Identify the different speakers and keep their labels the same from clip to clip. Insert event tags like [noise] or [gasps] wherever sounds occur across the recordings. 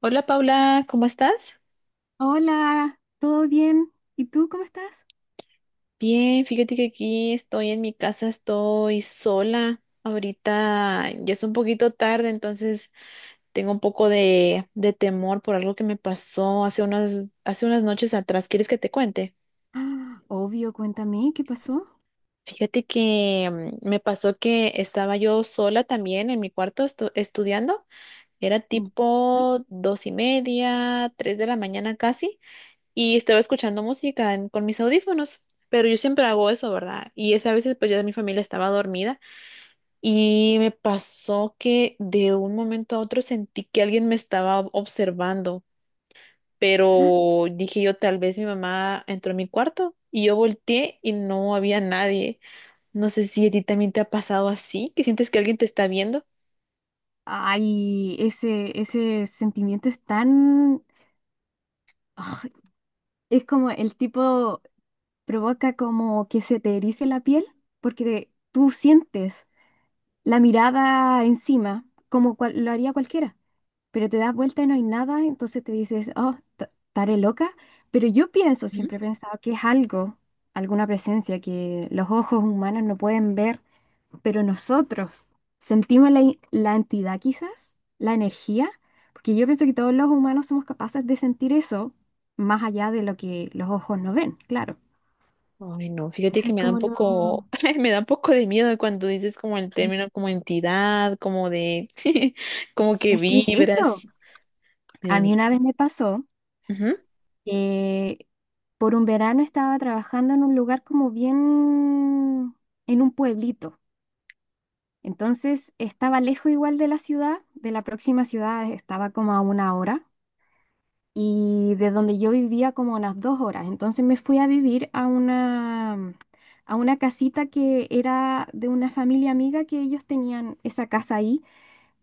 Speaker 1: Hola Paula, ¿cómo estás?
Speaker 2: Hola, ¿todo bien? ¿Y tú cómo estás? [gasps]
Speaker 1: Bien, fíjate que aquí estoy en mi casa, estoy sola. Ahorita ya es un poquito tarde, entonces tengo un poco de temor por algo que me pasó hace unas noches atrás. ¿Quieres que te cuente?
Speaker 2: Ah, obvio, cuéntame, ¿qué pasó?
Speaker 1: Fíjate que me pasó que estaba yo sola también en mi cuarto estudiando. Era
Speaker 2: Mm.
Speaker 1: tipo dos y media, tres de la mañana casi. Y estaba escuchando música con mis audífonos, pero yo siempre hago eso, ¿verdad? Y esa veces pues ya mi familia estaba dormida y me pasó que de un momento a otro sentí que alguien me estaba observando, pero dije yo tal vez mi mamá entró a mi cuarto y yo volteé y no había nadie. No sé si a ti también te ha pasado así, que sientes que alguien te está viendo.
Speaker 2: Ay, ese sentimiento es tan... ah, es como el tipo, provoca como que se te erice la piel porque tú sientes la mirada encima, como lo haría cualquiera, pero te das vuelta y no hay nada, entonces te dices, oh, estaré loca, pero yo pienso, siempre he pensado que es algo, alguna presencia que los ojos humanos no pueden ver, pero nosotros sentimos la, la entidad quizás, la energía, porque yo pienso que todos los humanos somos capaces de sentir eso, más allá de lo que los ojos no ven, claro.
Speaker 1: Ay, no, fíjate
Speaker 2: Eso
Speaker 1: que
Speaker 2: es
Speaker 1: me da un
Speaker 2: como lo...
Speaker 1: poco, [laughs] me da un poco de miedo cuando dices como el término como entidad, como de, [laughs] como que
Speaker 2: Es que es eso.
Speaker 1: vibras, me
Speaker 2: A
Speaker 1: da
Speaker 2: mí una
Speaker 1: miedo.
Speaker 2: vez me pasó.
Speaker 1: Ujú,
Speaker 2: Eh, por un verano estaba trabajando en un lugar como bien, en un pueblito. Entonces estaba lejos igual de la ciudad, de la próxima ciudad estaba como a 1 hora y de donde yo vivía como a unas 2 horas. Entonces me fui a vivir a una casita que era de una familia amiga, que ellos tenían esa casa ahí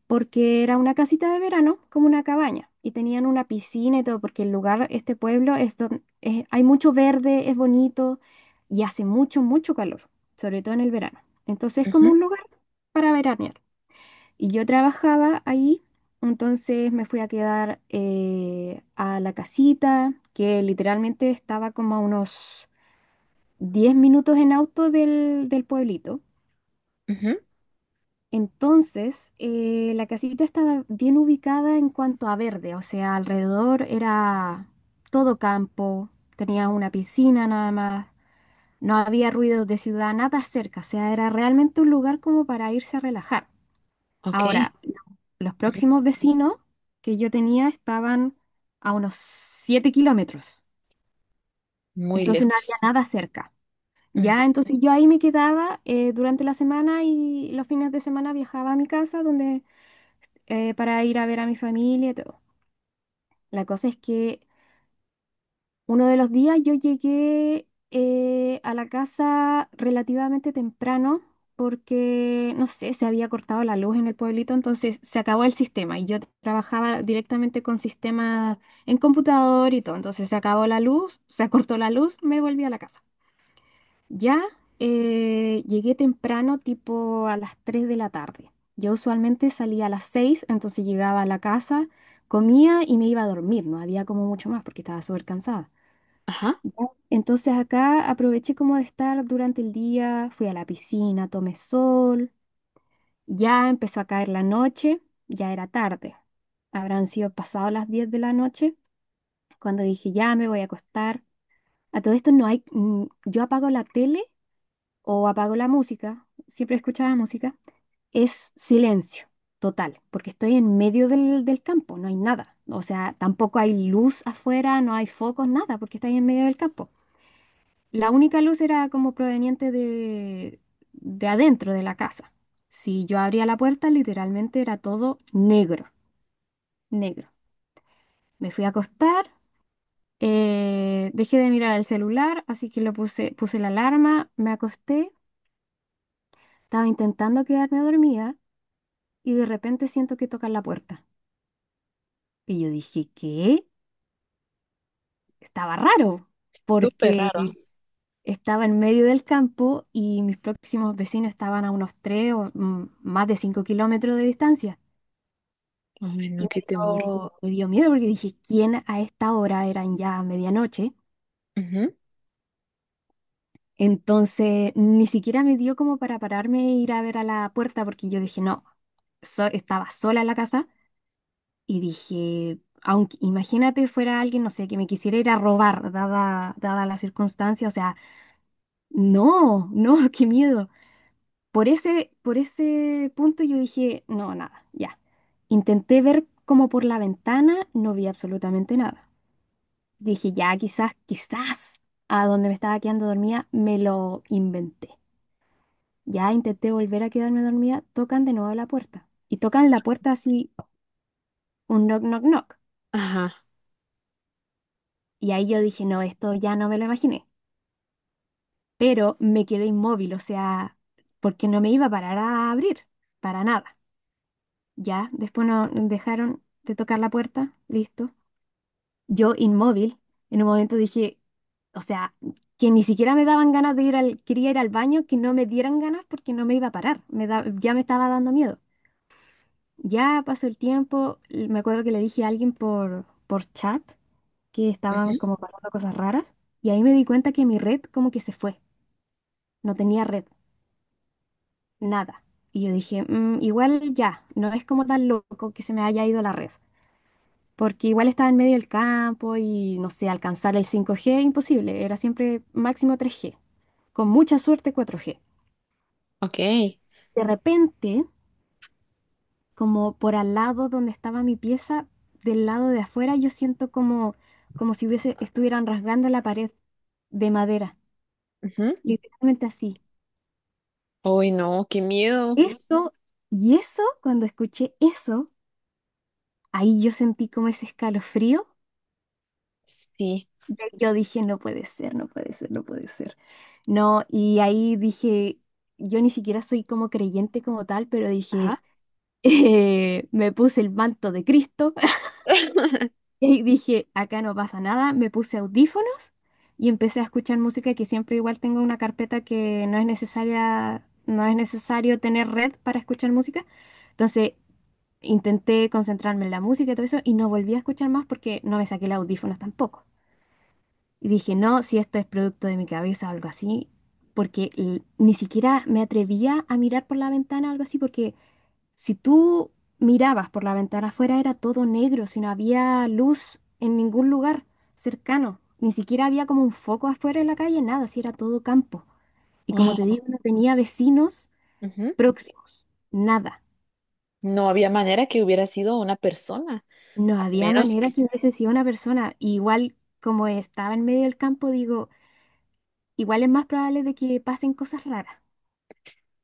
Speaker 2: porque era una casita de verano, como una cabaña, y tenían una piscina y todo, porque el lugar, este pueblo, es hay mucho verde, es bonito y hace mucho, mucho calor, sobre todo en el verano. Entonces es como
Speaker 1: ujú,
Speaker 2: un lugar para veranear. Y yo trabajaba ahí, entonces me fui a quedar a la casita, que literalmente estaba como a unos 10 minutos en auto del, del pueblito.
Speaker 1: ujú.
Speaker 2: Entonces, la casita estaba bien ubicada en cuanto a verde, o sea, alrededor era todo campo, tenía una piscina nada más, no había ruidos de ciudad, nada cerca, o sea, era realmente un lugar como para irse a relajar.
Speaker 1: Ok,
Speaker 2: Ahora, los
Speaker 1: ujú.
Speaker 2: próximos vecinos que yo tenía estaban a unos 7 kilómetros,
Speaker 1: Muy
Speaker 2: entonces no había
Speaker 1: lejos.
Speaker 2: nada cerca.
Speaker 1: Ujú.
Speaker 2: Ya, entonces yo ahí me quedaba durante la semana, y los fines de semana viajaba a mi casa donde para ir a ver a mi familia y todo. La cosa es que uno de los días yo llegué a la casa relativamente temprano porque, no sé, se había cortado la luz en el pueblito, entonces se acabó el sistema y yo trabajaba directamente con sistemas en computador y todo, entonces se acabó la luz, se cortó la luz, me volví a la casa. Ya llegué temprano, tipo a las 3 de la tarde. Yo usualmente salía a las 6, entonces llegaba a la casa, comía y me iba a dormir. No había como mucho más porque estaba súper cansada.
Speaker 1: Ajá,
Speaker 2: Ya. Entonces acá aproveché como de estar durante el día, fui a la piscina, tomé sol, ya empezó a caer la noche, ya era tarde. Habrán sido pasadas las 10 de la noche cuando dije, ya me voy a acostar. A todo esto no hay, yo apago la tele o apago la música, siempre escuchaba música, es silencio total, porque estoy en medio del, del campo, no hay nada. O sea, tampoco hay luz afuera, no hay focos, nada, porque estoy en medio del campo. La única luz era como proveniente de adentro de la casa. Si yo abría la puerta, literalmente era todo negro, negro. Me fui a acostar, dejé de mirar el celular, así que lo puse, puse la alarma, me acosté, estaba intentando quedarme dormida y de repente siento que tocan la puerta. Y yo dije, ¿qué? Estaba raro,
Speaker 1: súper raro.
Speaker 2: porque estaba en medio del campo y mis próximos vecinos estaban a unos 3 o más de 5 kilómetros de distancia.
Speaker 1: Ay,
Speaker 2: Y
Speaker 1: no, qué temor.
Speaker 2: me dio miedo porque dije, ¿quién a esta hora? Eran ya medianoche.
Speaker 1: Ujú,
Speaker 2: Entonces, ni siquiera me dio como para pararme e ir a ver a la puerta porque yo dije, no, estaba sola en la casa. Y dije, aunque imagínate fuera alguien, no sé, que me quisiera ir a robar, dada la circunstancia, o sea, no, no, [laughs] qué miedo. Por ese punto yo dije, no, nada, ya. Intenté ver como por la ventana, no vi absolutamente nada. Dije, ya, quizás, a donde me estaba quedando dormida, me lo inventé. Ya intenté volver a quedarme dormida, tocan de nuevo la puerta. Y tocan la puerta así, un knock, knock, knock.
Speaker 1: ajá,
Speaker 2: Y ahí yo dije, no, esto ya no me lo imaginé. Pero me quedé inmóvil, o sea, porque no me iba a parar a abrir, para nada. Ya, después no dejaron de tocar la puerta, listo. Yo inmóvil, en un momento dije, o sea, que ni siquiera me daban ganas de ir al, quería ir al baño, que no me dieran ganas porque no me iba a parar, ya me estaba dando miedo. Ya pasó el tiempo, y me acuerdo que le dije a alguien por chat que estaban
Speaker 1: ujú.
Speaker 2: como pasando cosas raras y ahí me di cuenta que mi red como que se fue, no tenía red, nada. Y yo dije, "Mm, igual ya, no es como tan loco que se me haya ido la red, porque igual estaba en medio del campo y no sé, alcanzar el 5G imposible, era siempre máximo 3G, con mucha suerte 4G".
Speaker 1: Ok.
Speaker 2: De repente, como por al lado donde estaba mi pieza, del lado de afuera, yo siento como, como si hubiese, estuvieran rasgando la pared de madera,
Speaker 1: Ujú.
Speaker 2: literalmente así.
Speaker 1: Ay, no, qué miedo.
Speaker 2: Eso, y eso, cuando escuché eso, ahí yo sentí como ese escalofrío.
Speaker 1: Sí,
Speaker 2: Yo dije, no puede ser, no puede ser, no puede ser. No, y ahí dije, yo ni siquiera soy como creyente como tal, pero dije,
Speaker 1: ajá.
Speaker 2: [laughs] me puse el manto de Cristo
Speaker 1: [laughs]
Speaker 2: [laughs] y ahí dije, acá no pasa nada, me puse audífonos y empecé a escuchar música, que siempre igual tengo una carpeta que no es necesaria, no es necesario tener red para escuchar música. Entonces, intenté concentrarme en la música y todo eso y no volví a escuchar más porque no me saqué los audífonos tampoco. Y dije, no, si esto es producto de mi cabeza o algo así, porque ni siquiera me atrevía a mirar por la ventana o algo así, porque si tú mirabas por la ventana afuera era todo negro, si no había luz en ningún lugar cercano, ni siquiera había como un foco afuera en la calle, nada, si era todo campo. Y como te
Speaker 1: Wow.
Speaker 2: digo, no tenía vecinos próximos, nada.
Speaker 1: No había manera que hubiera sido una persona,
Speaker 2: No
Speaker 1: a
Speaker 2: había
Speaker 1: menos.
Speaker 2: manera que hubiese sido una persona. Y igual como estaba en medio del campo, digo, igual es más probable de que pasen cosas raras.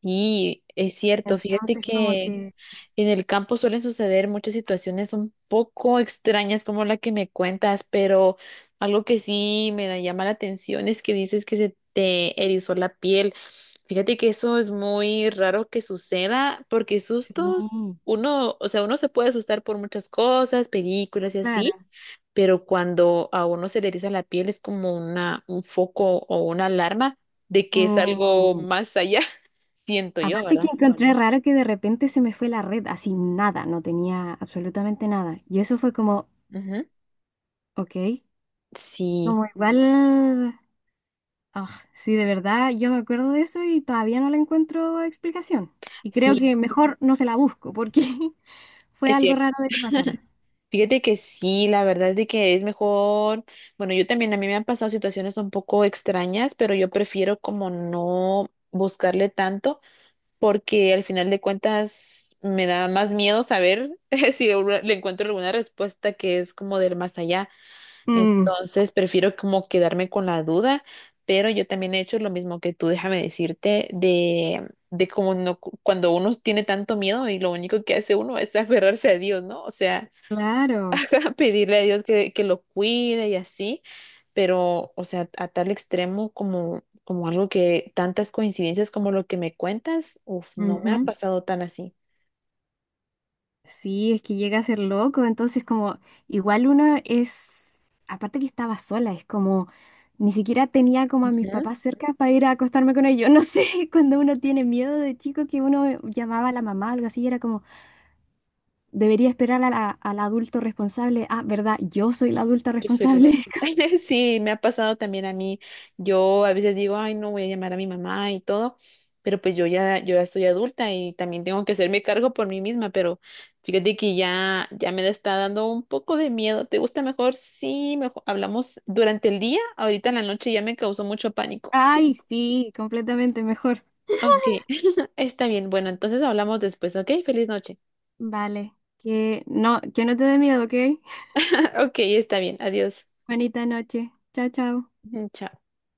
Speaker 1: Sí, es cierto. Fíjate
Speaker 2: Entonces, como
Speaker 1: que
Speaker 2: que
Speaker 1: en el campo suelen suceder muchas situaciones un poco extrañas como la que me cuentas, pero algo que sí llama la atención es que dices que se te erizó la piel. Fíjate que eso es muy raro que suceda porque
Speaker 2: sí,
Speaker 1: sustos, uno, o sea, uno se puede asustar por muchas cosas, películas y
Speaker 2: claro.
Speaker 1: así, pero cuando a uno se le eriza la piel es como un foco o una alarma de que es algo
Speaker 2: Mm,
Speaker 1: más allá, [laughs] siento yo,
Speaker 2: aparte que
Speaker 1: ¿verdad?
Speaker 2: encontré raro que de repente se me fue la red, así nada, no tenía absolutamente nada. Y eso fue como,
Speaker 1: Ujú.
Speaker 2: ok,
Speaker 1: Sí,
Speaker 2: como igual, ah, sí, de verdad, yo me acuerdo de eso y todavía no le encuentro explicación. Y creo
Speaker 1: sí,
Speaker 2: que mejor no se la busco porque [laughs] fue
Speaker 1: es
Speaker 2: algo
Speaker 1: cierto.
Speaker 2: raro de que pasara.
Speaker 1: Fíjate que sí, la verdad es de que es mejor. Bueno, yo también, a mí me han pasado situaciones un poco extrañas, pero yo prefiero como no buscarle tanto, porque al final de cuentas me da más miedo saber [laughs] si le encuentro alguna respuesta que es como del más allá.
Speaker 2: Mm,
Speaker 1: Entonces prefiero como quedarme con la duda, pero yo también he hecho lo mismo que tú, déjame decirte, de como no, cuando uno tiene tanto miedo y lo único que hace uno es [laughs] aferrarse a Dios, ¿no? O sea,
Speaker 2: claro.
Speaker 1: [laughs] pedirle a Dios que lo cuide y así, pero, o sea, a tal extremo como, como algo que tantas coincidencias como lo que me cuentas, uf, no me ha
Speaker 2: Ujú.
Speaker 1: pasado tan así.
Speaker 2: Sí, es que llega a ser loco, entonces como igual uno es, aparte que estaba sola, es como ni siquiera tenía como a mis papás cerca para ir a acostarme con ellos. [laughs] No sé, cuando uno tiene miedo de chico que uno llamaba a la mamá o algo así, era como, debería esperar a al adulto responsable. Ah, ¿verdad? Yo soy la adulta
Speaker 1: Tu celular.
Speaker 2: responsable. [laughs]
Speaker 1: [laughs] Sí, me ha pasado también a mí. Yo a veces digo, ay, no voy a llamar a mi mamá y todo, pero pues yo ya soy adulta y también tengo que hacerme cargo por mí misma, pero fíjate que ya me está dando un poco de miedo. ¿Te gusta mejor? Sí, mejor hablamos durante el día, ahorita en la noche ya me causó mucho pánico.
Speaker 2: Ay, sí, completamente mejor.
Speaker 1: Ok, [laughs] está bien. Bueno, entonces hablamos después, ¿ok? Feliz noche.
Speaker 2: Vale, que no te dé miedo, ¿ok?
Speaker 1: [laughs] Ok, está bien. Adiós.
Speaker 2: Bonita noche. Chao, chao.
Speaker 1: [laughs] Chao.